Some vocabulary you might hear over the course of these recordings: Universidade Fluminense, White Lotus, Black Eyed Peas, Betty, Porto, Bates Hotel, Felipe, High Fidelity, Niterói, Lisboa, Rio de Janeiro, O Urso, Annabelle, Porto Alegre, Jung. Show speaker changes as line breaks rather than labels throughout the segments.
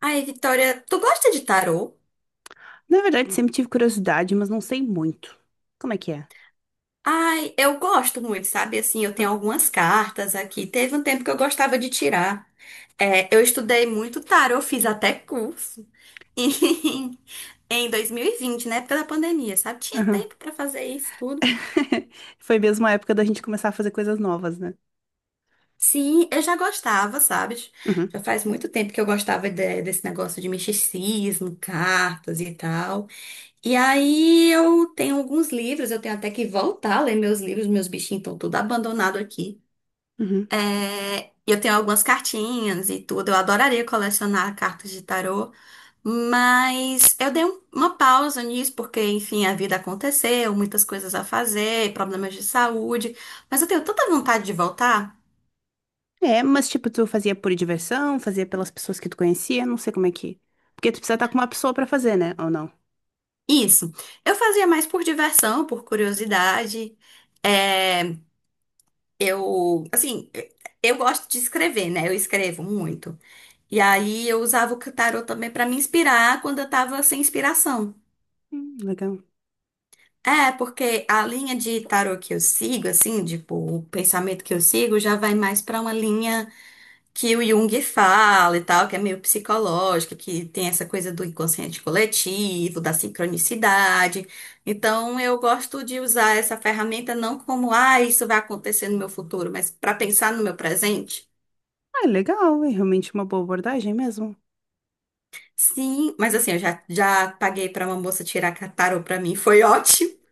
Ai, Vitória, tu gosta de tarô?
Na verdade, sempre tive curiosidade, mas não sei muito. Como é que é?
Ai, eu gosto muito, sabe? Assim, eu tenho
Hum,
algumas cartas aqui. Teve um tempo que eu gostava de tirar. É, eu estudei muito tarô, fiz até curso. Em 2020, na época da pandemia, sabe? Tinha
aham.
tempo pra fazer isso tudo.
Foi mesmo a época da gente começar a fazer coisas novas, né?
Sim, eu já gostava, sabe?
Uhum,
Já faz muito tempo que eu desse negócio de misticismo, cartas e tal. E aí eu tenho alguns livros, eu tenho até que voltar a ler meus livros, meus bichinhos estão tudo abandonado aqui.
uhum.
É, eu tenho algumas cartinhas e tudo, eu adoraria colecionar cartas de tarô, mas eu uma pausa nisso porque, enfim, a vida aconteceu, muitas coisas a fazer, problemas de saúde, mas eu tenho tanta vontade de voltar.
É, mas tipo, tu fazia por diversão, fazia pelas pessoas que tu conhecia, não sei como é que. Porque tu precisa estar com uma pessoa pra fazer, né? Ou não?
Isso, eu fazia mais por diversão, por curiosidade. É, eu, assim, eu gosto de escrever, né? Eu escrevo muito. E aí eu usava o tarô também para me inspirar quando eu tava sem inspiração.
Legal.
É, porque a linha de tarô que eu sigo, assim, tipo, o pensamento que eu sigo já vai mais para uma linha que o Jung fala e tal, que é meio psicológica, que tem essa coisa do inconsciente coletivo, da sincronicidade. Então eu gosto de usar essa ferramenta não como, ah, isso vai acontecer no meu futuro, mas para pensar no meu presente.
Ah, legal, é realmente uma boa abordagem mesmo.
Sim, mas assim, eu já paguei para uma moça tirar tarô para mim, foi ótimo.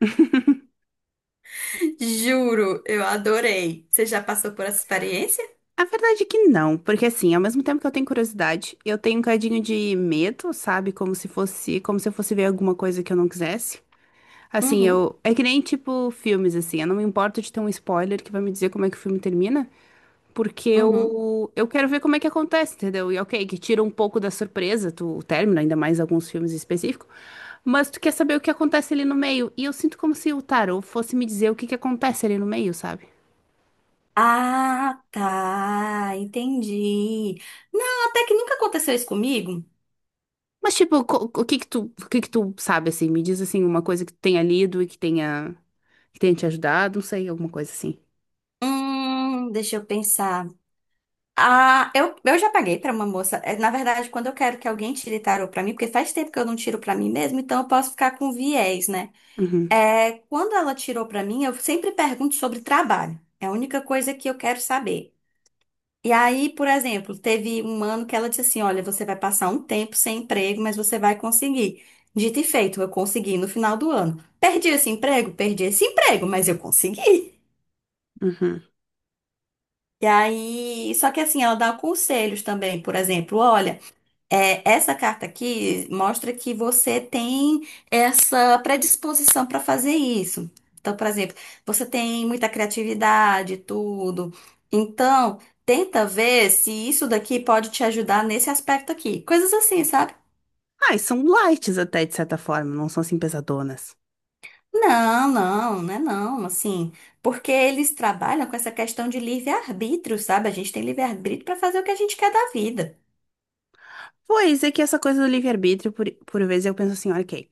Juro, eu adorei. Você já passou por essa experiência?
A verdade é que não, porque assim, ao mesmo tempo que eu tenho curiosidade, eu tenho um cadinho de medo, sabe? Como se eu fosse ver alguma coisa que eu não quisesse. Assim,
Uhum,
eu. É que nem tipo filmes, assim. Eu não me importo de ter um spoiler que vai me dizer como é que o filme termina. Porque
uhum.
eu quero ver como é que acontece, entendeu? E ok, que tira um pouco da surpresa, tu termina, ainda mais alguns filmes específicos. Mas tu quer saber o que acontece ali no meio. E eu sinto como se o tarô fosse me dizer o que que acontece ali no meio, sabe?
Ah, tá, entendi. Não, até que nunca aconteceu isso comigo.
Mas, tipo, o que que tu sabe, assim? Me diz, assim, uma coisa que tu tenha lido e que tenha te ajudado, não sei, alguma coisa assim.
Deixa eu pensar. Ah, eu já paguei pra uma moça. É, na verdade, quando eu quero que alguém tire tarô pra mim, porque faz tempo que eu não tiro pra mim mesmo, então eu posso ficar com viés, né?
Uhum,
É, quando ela tirou pra mim, eu sempre pergunto sobre trabalho. É a única coisa que eu quero saber. E aí, por exemplo, teve um ano que ela disse assim: olha, você vai passar um tempo sem emprego, mas você vai conseguir. Dito e feito, eu consegui no final do ano. Perdi esse emprego? Perdi esse emprego, mas eu consegui.
uhum.
E aí, só que assim, ela dá conselhos também, por exemplo, olha. É, essa carta aqui mostra que você tem essa predisposição para fazer isso. Então, por exemplo, você tem muita criatividade, e tudo. Então, tenta ver se isso daqui pode te ajudar nesse aspecto aqui. Coisas assim, sabe?
Ah, e são lights até, de certa forma, não são assim pesadonas.
Não é não, assim, porque eles trabalham com essa questão de livre-arbítrio, sabe? A gente tem livre-arbítrio para fazer o que a gente quer da vida.
Pois é que essa coisa do livre-arbítrio, por vezes eu penso assim, olha ok.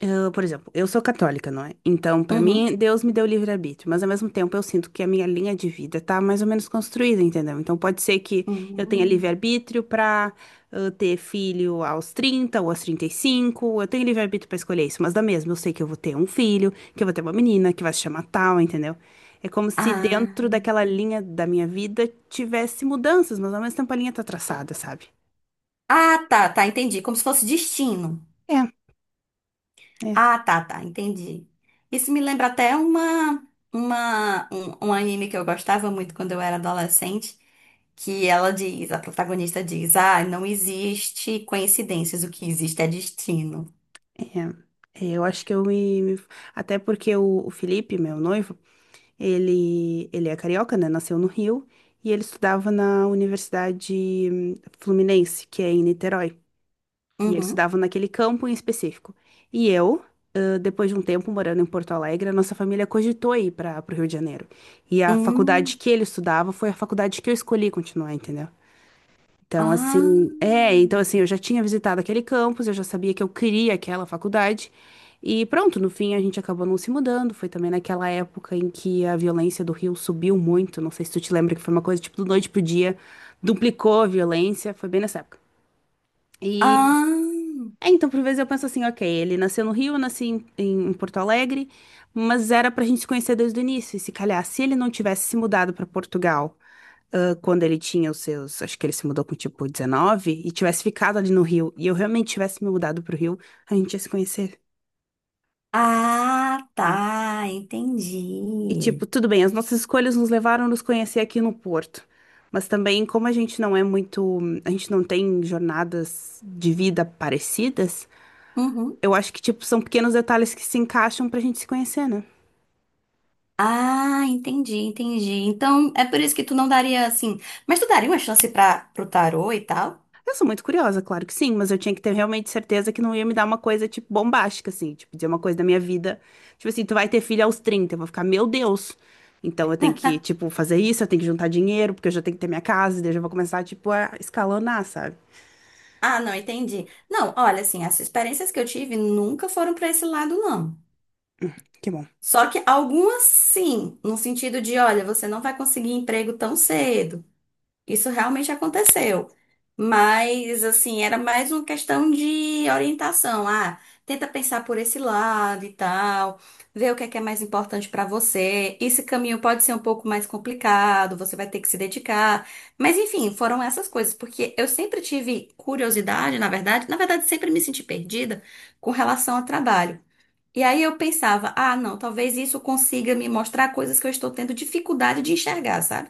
Eu, por exemplo, eu sou católica, não é? Então, pra mim,
Uhum.
Deus me deu livre-arbítrio, mas ao mesmo tempo eu sinto que a minha linha de vida tá mais ou menos construída, entendeu? Então, pode ser que eu tenha
Hum.
livre-arbítrio pra ter filho aos 30 ou aos 35 eu tenho livre-arbítrio pra escolher isso, mas da mesma, eu sei que eu vou ter um filho, que eu vou ter uma menina, que vai se chamar tal, entendeu? É como se dentro
Ah.
daquela linha da minha vida tivesse mudanças, mas ao mesmo tempo a linha tá traçada, sabe?
Ah, tá, tá, entendi. Como se fosse destino.
É, é.
Ah, tá, tá, entendi. Isso me lembra até um anime que eu gostava muito quando eu era adolescente, que ela diz, a protagonista diz, ah, não existe coincidências, o que existe é destino.
É, é, eu acho que eu. Até porque o Felipe, meu noivo, ele é carioca, né? Nasceu no Rio e ele estudava na Universidade Fluminense, que é em Niterói. E ele
Uhum.
estudava naquele campo em específico. E eu, depois de um tempo morando em Porto Alegre, a nossa família cogitou ir para o Rio de Janeiro. E a faculdade
Hum.
que ele estudava foi a faculdade que eu escolhi continuar, entendeu? Então,
Ah.
eu já tinha visitado aquele campus, eu já sabia que eu queria aquela faculdade. E pronto, no fim a gente acabou não se mudando. Foi também naquela época em que a violência do Rio subiu muito. Não sei se tu te lembra que foi uma coisa tipo do noite pro dia, duplicou a violência, foi bem nessa época. E
Ah.
é, então, por vezes eu penso assim, ok, ele nasceu no Rio, eu nasci em Porto Alegre, mas era pra gente se conhecer desde o início. E se calhar, se ele não tivesse se mudado pra Portugal quando ele tinha os seus, acho que ele se mudou com tipo 19, e tivesse ficado ali no Rio, e eu realmente tivesse me mudado pro Rio, a gente ia se conhecer,
Ah,
tá?
tá,
E
entendi.
tipo, tudo bem, as nossas escolhas nos levaram a nos conhecer aqui no Porto. Mas também, como a gente não é muito, a gente não tem jornadas de vida parecidas,
Uhum.
eu acho que tipo são pequenos detalhes que se encaixam pra gente se conhecer, né?
Ah, entendi, entendi. Então, é por isso que tu não daria assim. Mas tu daria uma chance pro tarô e tal?
Eu sou muito curiosa, claro que sim, mas eu tinha que ter realmente certeza que não ia me dar uma coisa, tipo, bombástica, assim, tipo, dizer uma coisa da minha vida. Tipo assim, tu vai ter filho aos 30, eu vou ficar, meu Deus. Então eu tenho que, tipo, fazer isso, eu tenho que juntar dinheiro, porque eu já tenho que ter minha casa, e daí eu já vou começar, tipo, a escalonar, sabe?
Ah, não, entendi. Não, olha, assim, as experiências que eu tive nunca foram para esse lado, não.
Que bom.
Só que algumas sim, no sentido de, olha, você não vai conseguir emprego tão cedo. Isso realmente aconteceu. Mas, assim, era mais uma questão de orientação. Ah, tenta pensar por esse lado e tal, ver o que é mais importante pra você. Esse caminho pode ser um pouco mais complicado, você vai ter que se dedicar. Mas, enfim, foram essas coisas, porque eu sempre tive curiosidade, na verdade, sempre me senti perdida com relação ao trabalho. E aí eu pensava, ah, não, talvez isso consiga me mostrar coisas que eu estou tendo dificuldade de enxergar, sabe?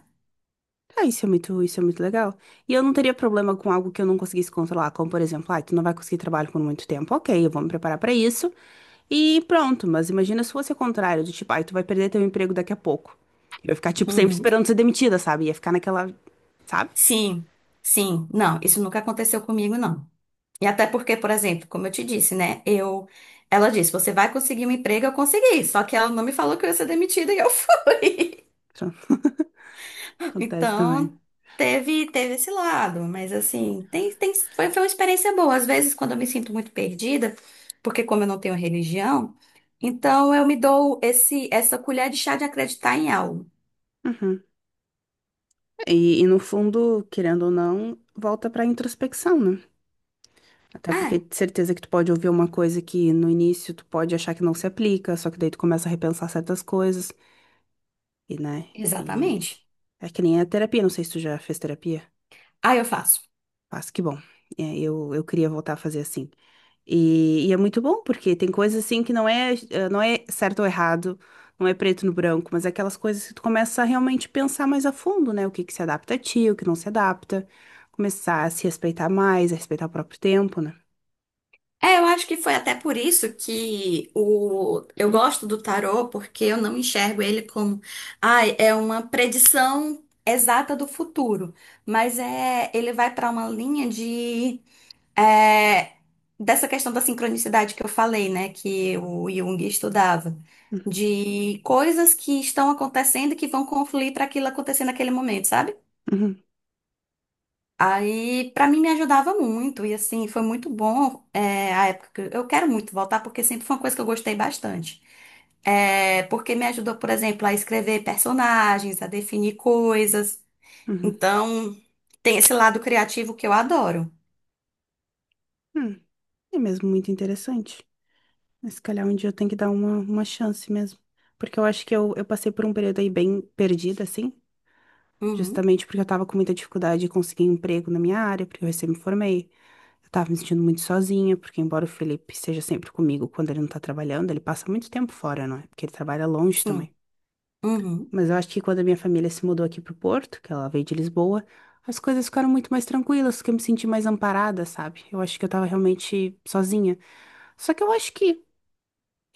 Ah, isso é muito legal. E eu não teria problema com algo que eu não conseguisse controlar, como por exemplo, ah, tu não vai conseguir trabalho por muito tempo. Ok, eu vou me preparar pra isso e pronto. Mas imagina se fosse o contrário, do tipo, ah, tu vai perder teu emprego daqui a pouco. Eu ia ficar, tipo, sempre
Uhum.
esperando ser demitida, sabe? Ia ficar naquela, sabe?
Sim, sim, não, isso nunca aconteceu comigo, não. E até porque, por exemplo, como eu te disse, né? Eu, ela disse, você vai conseguir um emprego, eu consegui. Só que ela não me falou que eu ia ser demitida e eu fui.
Então, acontece
Então,
também.
teve esse lado, mas assim, foi uma experiência boa. Às vezes, quando eu me sinto muito perdida, porque como eu não tenho religião, então eu me dou essa colher de chá de acreditar em algo.
Uhum. E no fundo, querendo ou não, volta pra introspecção, né? Até porque
Ah,
de certeza que tu pode ouvir uma coisa que no início tu pode achar que não se aplica, só que daí tu começa a repensar certas coisas. E, né? E
exatamente.
é que nem a terapia, não sei se tu já fez terapia.
Aí eu faço.
Mas que bom. É, eu queria voltar a fazer assim. E é muito bom, porque tem coisas assim que não é, não é certo ou errado, não é preto no branco, mas é aquelas coisas que tu começa a realmente pensar mais a fundo, né? O que que se adapta a ti, o que não se adapta. Começar a se respeitar mais, a respeitar o próprio tempo, né?
É, eu acho que foi até por isso que eu
Uhum,
gosto do tarô, porque eu não enxergo ele como, ai, é uma predição exata do futuro, mas é, ele vai para uma linha de é, dessa questão da sincronicidade que eu falei, né, que o Jung estudava, de coisas que estão acontecendo e que vão confluir para aquilo acontecer naquele momento, sabe?
uhum,
Aí, pra mim, me ajudava muito. E, assim, foi muito bom é, a época que eu quero muito voltar, porque sempre foi uma coisa que eu gostei bastante. É, porque me ajudou, por exemplo, a escrever personagens, a definir coisas.
uhum.
Então, tem esse lado criativo que eu adoro.
Hum. É mesmo muito interessante. Mas se calhar um dia eu tenho que dar uma chance mesmo. Porque eu acho que eu passei por um período aí bem perdida, assim.
Uhum,
Justamente porque eu tava com muita dificuldade de conseguir um emprego na minha área, porque eu recém me formei. Eu tava me sentindo muito sozinha, porque embora o Felipe seja sempre comigo quando ele não tá trabalhando, ele passa muito tempo fora, não é? Porque ele trabalha longe também.
sim. Uhum.
Mas eu acho que quando a minha família se mudou aqui pro Porto, que ela veio de Lisboa, as coisas ficaram muito mais tranquilas, que eu me senti mais amparada, sabe? Eu acho que eu tava realmente sozinha. Só que eu acho que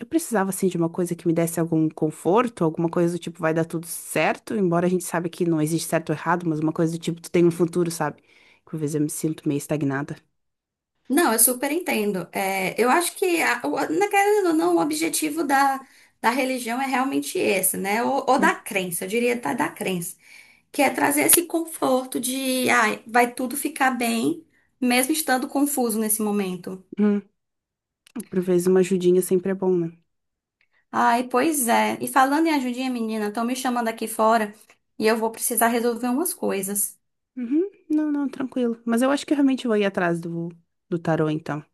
eu precisava, assim, de uma coisa que me desse algum conforto, alguma coisa do tipo, vai dar tudo certo, embora a gente saiba que não existe certo ou errado, mas uma coisa do tipo, tu tem um futuro, sabe? Por vezes eu me sinto meio estagnada.
Não, eu super entendo. É, eu acho que, a, o, na querendo ou não, o objetivo da religião é realmente esse, né? Ou da crença, eu diria tá, da crença, que é trazer esse conforto de, ai, vai tudo ficar bem, mesmo estando confuso nesse momento.
Uhum. Por vezes uma ajudinha sempre é bom, né?
Ai, pois é. E falando em ajudinha, menina, estão me chamando aqui fora e eu vou precisar resolver umas coisas.
Uhum. Não, não, tranquilo. Mas eu acho que eu realmente vou ir atrás do tarô, então.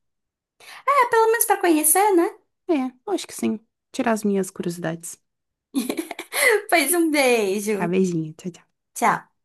É, pelo menos para conhecer, né?
É, eu acho que sim. Tirar as minhas curiosidades.
Pois um
Tá,
beijo.
beijinho. Tchau, tchau.
Tchau.